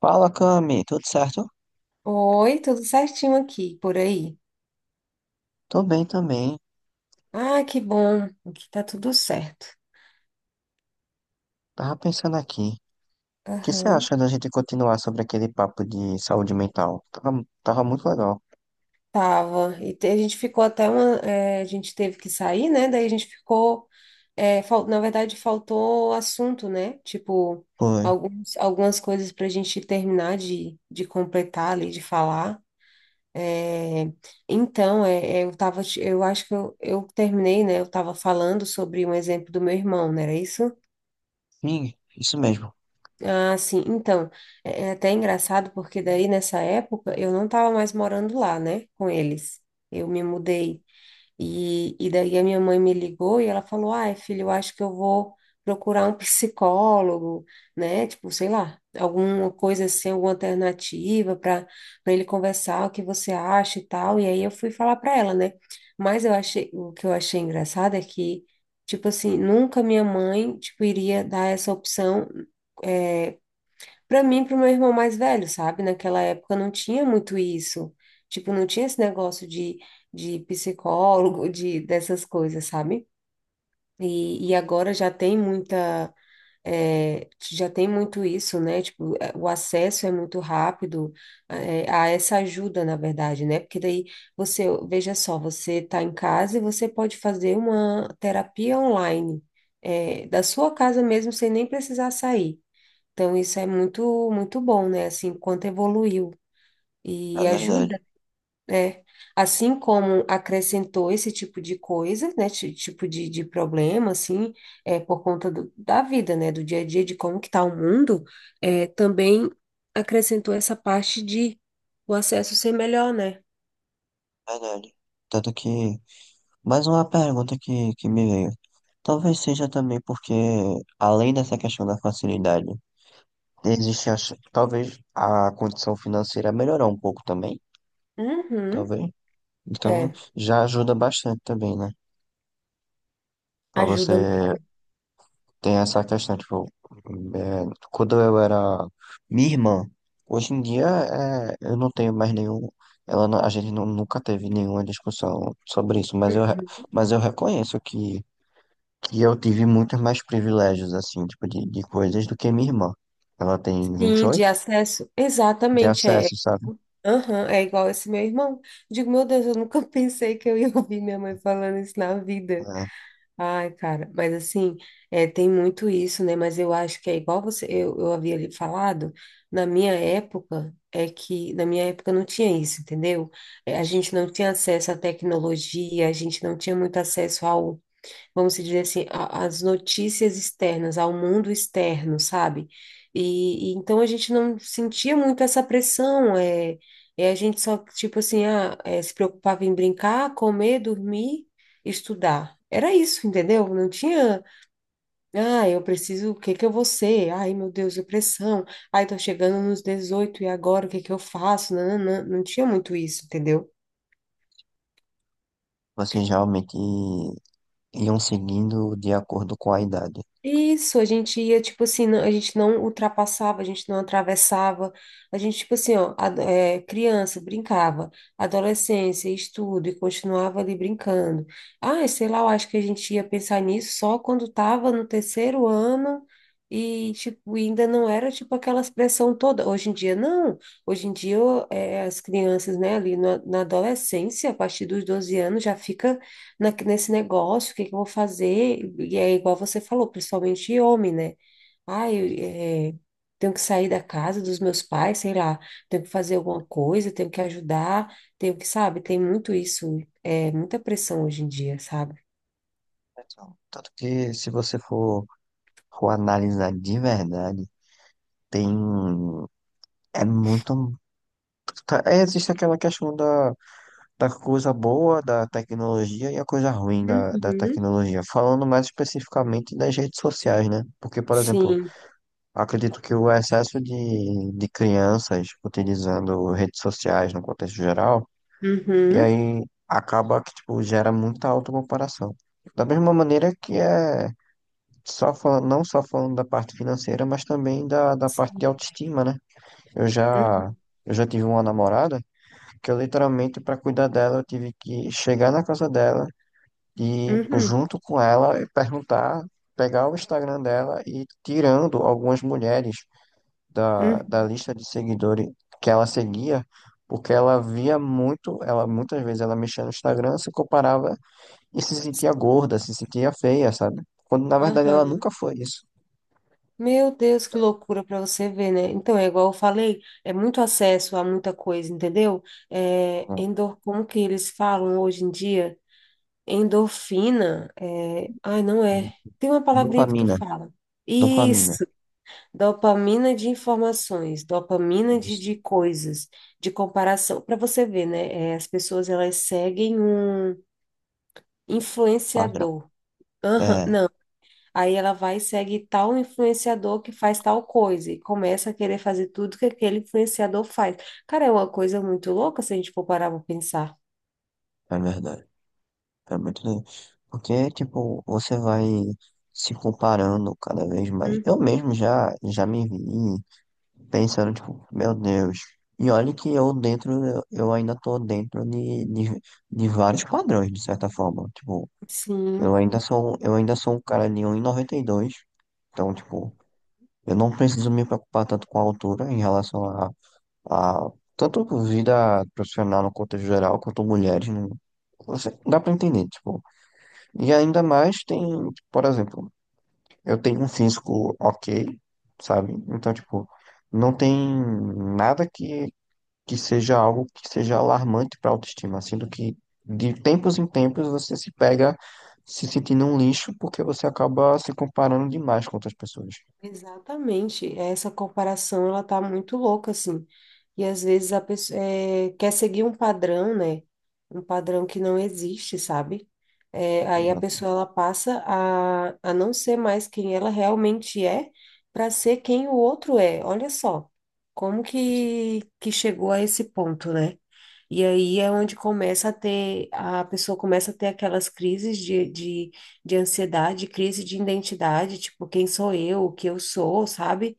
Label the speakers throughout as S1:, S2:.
S1: Fala, Cami, tudo certo?
S2: Oi, tudo certinho aqui, por aí.
S1: Tô bem também.
S2: Ah, que bom, aqui tá tudo certo.
S1: Tava pensando aqui. O que você
S2: Aham,
S1: acha da gente continuar sobre aquele papo de saúde mental? Tava muito legal.
S2: tava. A gente ficou até uma. A gente teve que sair, né? Daí a gente ficou. Na verdade, faltou assunto, né? Tipo,
S1: Foi.
S2: algumas coisas pra gente terminar de completar ali, de falar. Eh, então, eu tava. Eu acho que eu terminei, né? Eu tava falando sobre um exemplo do meu irmão, não era isso?
S1: Sim, isso mesmo.
S2: Ah, sim. Então, é até engraçado porque daí nessa época eu não estava mais morando lá, né, com eles. Eu me mudei e daí a minha mãe me ligou e ela falou: "Ai, filho, eu acho que eu vou procurar um psicólogo, né? Tipo, sei lá, alguma coisa assim, alguma alternativa para ele conversar, o que você acha e tal". E aí eu fui falar para ela, né? Mas eu achei, o que eu achei engraçado é que tipo assim, nunca minha mãe, tipo, iria dar essa opção é, pra mim, e pro meu irmão mais velho, sabe? Naquela época não tinha muito isso. Tipo, não tinha esse negócio de psicólogo, de dessas coisas, sabe? E agora já tem muita, é, já tem muito isso, né? Tipo, é, o acesso é muito rápido, é, a essa ajuda, na verdade, né? Porque daí você, veja só, você tá em casa e você pode fazer uma terapia online, é, da sua casa mesmo, sem nem precisar sair. Então, isso é muito bom, né? Assim, quanto evoluiu
S1: É
S2: e
S1: verdade,
S2: ajuda, né? Assim como acrescentou esse tipo de coisa, né? Tipo de problema, assim, é, da vida, né? Do dia a dia, de como que tá o mundo, é, também acrescentou essa parte de o acesso ser melhor, né?
S1: é verdade. Tanto que, mais uma pergunta que me veio. Talvez seja também porque, além dessa questão da facilidade, existe talvez a condição financeira melhorar um pouco também,
S2: Uhum,
S1: talvez. Então,
S2: é,
S1: já ajuda bastante também, né? Pra
S2: ajuda.
S1: você. Tem essa questão, tipo, é, quando eu era minha irmã, hoje em dia é, eu não tenho mais nenhum, ela não- a gente nu- nunca teve nenhuma discussão sobre isso,
S2: Uhum.
S1: mas eu reconheço que eu tive muitos mais privilégios, assim, tipo, de coisas do que minha irmã. Ela tem vinte e
S2: Sim, de
S1: oito
S2: acesso.
S1: de
S2: Exatamente, é,
S1: acesso, sabe?
S2: aham, é igual esse meu irmão. Digo, meu Deus, eu nunca pensei que eu ia ouvir minha mãe falando isso na vida.
S1: É,
S2: Ai, cara, mas assim, é, tem muito isso, né? Mas eu acho que é igual você, eu havia lhe falado, na minha época, é que na minha época não tinha isso, entendeu? É, a gente não tinha acesso à tecnologia, a gente não tinha muito acesso ao vamos se dizer assim, as notícias externas, ao mundo externo, sabe? E então a gente não sentia muito essa pressão, é, é a gente só, tipo assim, ah, é, se preocupava em brincar, comer, dormir, estudar. Era isso, entendeu? Não tinha, ah, eu preciso, o que que eu vou ser? Ai, meu Deus, depressão. Ai, tô chegando nos 18 e agora o que que eu faço? Não, não, não, não tinha muito isso, entendeu?
S1: vocês realmente iam seguindo de acordo com a idade.
S2: Isso, a gente ia, tipo assim, a gente não ultrapassava, a gente não atravessava, a gente, tipo assim, ó, é, criança, brincava, adolescência, estudo, e continuava ali brincando. Ah, sei lá, eu acho que a gente ia pensar nisso só quando tava no terceiro ano e, tipo, ainda não era, tipo, aquela expressão toda. Hoje em dia, não. Hoje em dia, é, as crianças, né, ali na adolescência, a partir dos 12 anos, já fica nesse negócio, o que que eu vou fazer? E é igual você falou, principalmente homem, né? Ah, eu, é, tenho que sair da casa dos meus pais, sei lá, tenho que fazer alguma coisa, tenho que ajudar, tenho que, sabe, tem muito isso, é muita pressão hoje em dia, sabe?
S1: Então, tanto que se você for, for analisar de verdade, tem, é muito, tá- é, existe aquela questão da, da coisa boa da tecnologia e a coisa ruim da, da
S2: Uhum.
S1: tecnologia, falando mais especificamente das redes sociais, né? Porque, por exemplo,
S2: Sim.
S1: acredito que o excesso de crianças utilizando redes sociais no contexto geral, e
S2: Uhum.
S1: aí acaba que, tipo, gera muita autocomparação. Da mesma maneira que é só falando, não só falando da parte financeira, mas também da, da parte de
S2: Sim.
S1: autoestima, né? Eu já,
S2: Uhum.
S1: eu já tive uma namorada que eu literalmente, para cuidar dela, eu tive que chegar na casa dela e, pô,
S2: Uhum.
S1: junto com ela, e perguntar, pegar o Instagram dela e ir tirando algumas mulheres da, da
S2: Uhum.
S1: lista de seguidores que ela seguia, porque ela via muito, ela muitas vezes ela mexia no Instagram, se comparava e se sentia
S2: Sim.
S1: gorda, se sentia feia, sabe? Quando na verdade ela
S2: Aham.
S1: nunca foi isso.
S2: Meu Deus, que loucura para você ver, né? Então, é igual eu falei, é muito acesso a muita coisa, entendeu? É,
S1: Não.
S2: endor, como que eles falam hoje em dia? Endorfina, é, ai, não é. Tem uma palavrinha que tu
S1: Dopamina,
S2: fala.
S1: dopamina,
S2: Isso, dopamina de informações, dopamina
S1: isso,
S2: de coisas, de comparação. Para você ver, né? É, as pessoas elas seguem um
S1: padrão.
S2: influenciador. Aham,
S1: É,
S2: aí ela vai e segue tal influenciador que faz tal coisa e começa a querer fazer tudo que aquele influenciador faz. Cara, é uma coisa muito louca se a gente for parar para pensar.
S1: é verdade. É muito doido. Porque, tipo, você vai se comparando cada vez mais.
S2: Hum,
S1: Eu mesmo já me vi pensando, tipo, meu Deus. E olha que eu dentro, eu ainda tô dentro de vários padrões, de certa forma. Tipo,
S2: Sim,
S1: eu ainda sou um cara de 1,92. Então, tipo, eu não preciso me preocupar tanto com a altura em relação a tanto vida profissional no contexto geral, quanto mulheres, né? Você, dá pra entender, tipo. E ainda mais tem, por exemplo, eu tenho um físico ok, sabe? Então, tipo, não tem nada que seja algo que seja alarmante para a autoestima, sendo que de tempos em tempos você se pega se sentindo um lixo porque você acaba se comparando demais com outras pessoas.
S2: exatamente, essa comparação ela tá muito louca assim. E às vezes a pessoa é, quer seguir um padrão, né? Um padrão que não existe, sabe? É, aí a
S1: Exato.
S2: pessoa ela passa a não ser mais quem ela realmente é para ser quem o outro é. Olha só como que chegou a esse ponto, né? E aí é onde começa a ter, a pessoa começa a ter aquelas crises de ansiedade, crise de identidade, tipo, quem sou eu, o que eu sou, sabe?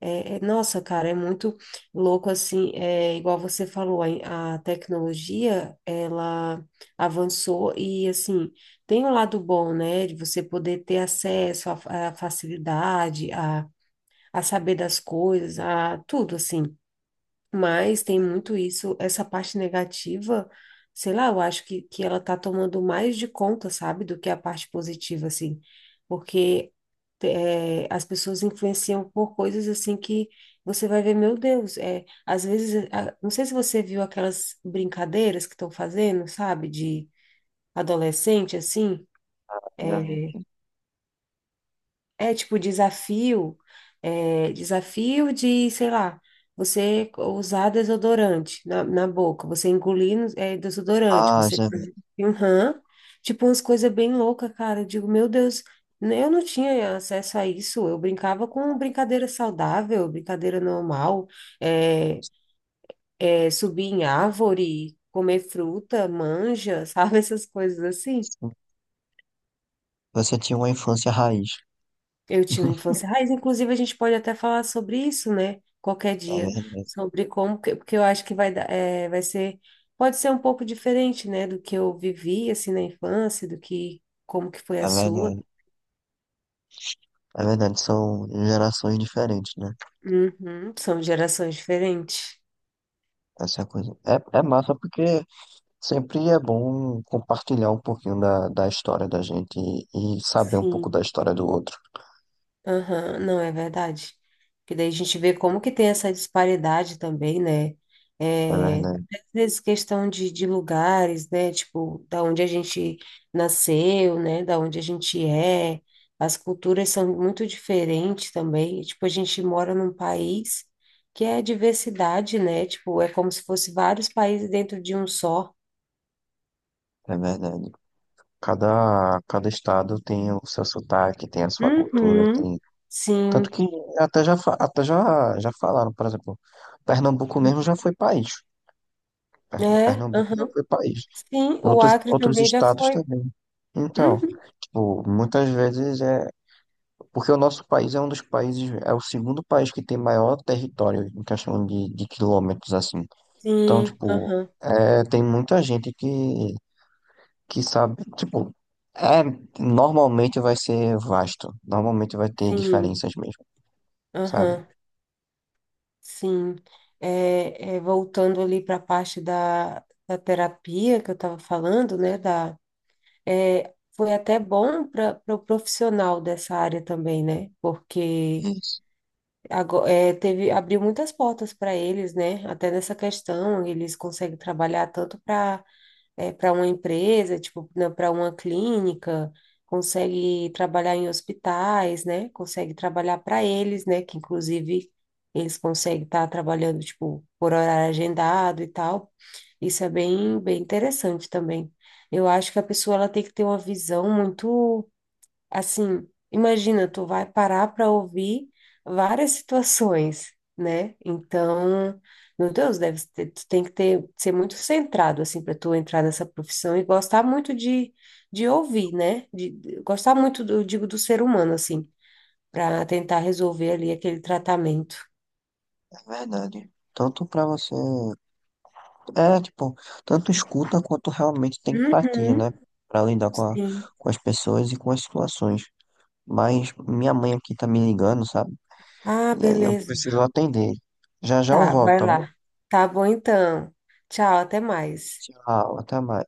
S2: É, nossa, cara, é muito louco assim, é igual você falou, a tecnologia, ela avançou e assim, tem um lado bom, né, de você poder ter acesso à facilidade, a saber das coisas, a tudo assim. Mas tem muito isso, essa parte negativa, sei lá, eu acho que ela tá tomando mais de conta, sabe, do que a parte positiva, assim. Porque é, as pessoas influenciam por coisas assim que você vai ver, meu Deus, é, às vezes, não sei se você viu aquelas brincadeiras que estão fazendo, sabe, de adolescente, assim.
S1: Já
S2: É,
S1: vi.
S2: é tipo desafio, é, desafio de, sei lá, você usar desodorante na boca, você engolir é, desodorante,
S1: Ah,
S2: você
S1: já vi.
S2: uhum. Tipo umas coisas bem loucas, cara. Eu digo, meu Deus, né, eu não tinha acesso a isso. Eu brincava com brincadeira saudável, brincadeira normal, é, é, subir em árvore, comer fruta, manja, sabe, essas coisas assim.
S1: Sim. Você tinha uma infância raiz.
S2: Eu tinha uma infância raiz, inclusive a gente pode até falar sobre isso, né? Qualquer
S1: É
S2: dia,
S1: verdade,
S2: sobre como, porque eu acho que vai dar, é, vai ser, pode ser um pouco diferente, né? Do que eu vivi, assim, na infância, do que, como que foi a
S1: é
S2: sua.
S1: verdade. É verdade, são gerações diferentes, né?
S2: Uhum, são gerações diferentes.
S1: Essa é a coisa. É, é massa porque sempre é bom compartilhar um pouquinho da, da história da gente e saber um pouco da
S2: Sim.
S1: história do outro.
S2: Aham, não, é verdade. Porque daí a gente vê como que tem essa disparidade também, né?
S1: É
S2: É,
S1: verdade,
S2: às vezes questão de lugares, né? Tipo, da onde a gente nasceu, né? Da onde a gente é. As culturas são muito diferentes também. E, tipo, a gente mora num país que é diversidade, né? Tipo, é como se fosse vários países dentro de um só.
S1: é verdade. Cada, cada estado tem o seu sotaque, tem a sua cultura,
S2: Uhum,
S1: tem. Tanto
S2: sim.
S1: que até já, fa- até já, já falaram, por exemplo, Pernambuco mesmo já foi país.
S2: É,
S1: Pernambuco já
S2: aham.
S1: foi país.
S2: Sim, o
S1: Outros,
S2: Acre
S1: outros
S2: também já
S1: estados
S2: foi.
S1: também. Então,
S2: Uhum.
S1: tipo, muitas vezes é. Porque o nosso país é um dos países, é o segundo país que tem maior território em questão de quilômetros, assim. Então,
S2: Sim,
S1: tipo,
S2: aham,
S1: é, tem muita gente que sabe, tipo, é, normalmente vai ser vasto, normalmente vai ter
S2: sim,
S1: diferenças mesmo, sabe?
S2: aham, sim. Voltando ali para a parte da terapia que eu estava falando, né? Da, é, foi até bom para o profissional dessa área também, né? Porque
S1: Isso,
S2: é, teve, abriu muitas portas para eles, né? Até nessa questão, eles conseguem trabalhar tanto para uma empresa, tipo, para uma clínica, consegue trabalhar em hospitais, né? Consegue trabalhar para eles, né? Que inclusive eles conseguem estar trabalhando, tipo, por horário agendado e tal. Isso é bem interessante também. Eu acho que a pessoa ela tem que ter uma visão muito assim, imagina, tu vai parar para ouvir várias situações, né? Então, meu Deus, deve ter, tu tem que ter, ser muito centrado, assim, para tu entrar nessa profissão e gostar muito de ouvir, né? Gostar muito, do, digo, do ser humano, assim, para tentar resolver ali aquele tratamento.
S1: é verdade. Tanto pra você, é, tipo, tanto escuta quanto realmente tem empatia,
S2: Uhum,
S1: né? Pra lidar com, a-
S2: sim.
S1: com as pessoas e com as situações. Mas minha mãe aqui tá me ligando, sabe?
S2: Ah,
S1: E aí eu
S2: beleza.
S1: preciso atender. Já já eu
S2: Tá,
S1: volto,
S2: vai
S1: tá bom?
S2: lá. Tá bom então. Tchau, até mais.
S1: Tchau, até mais.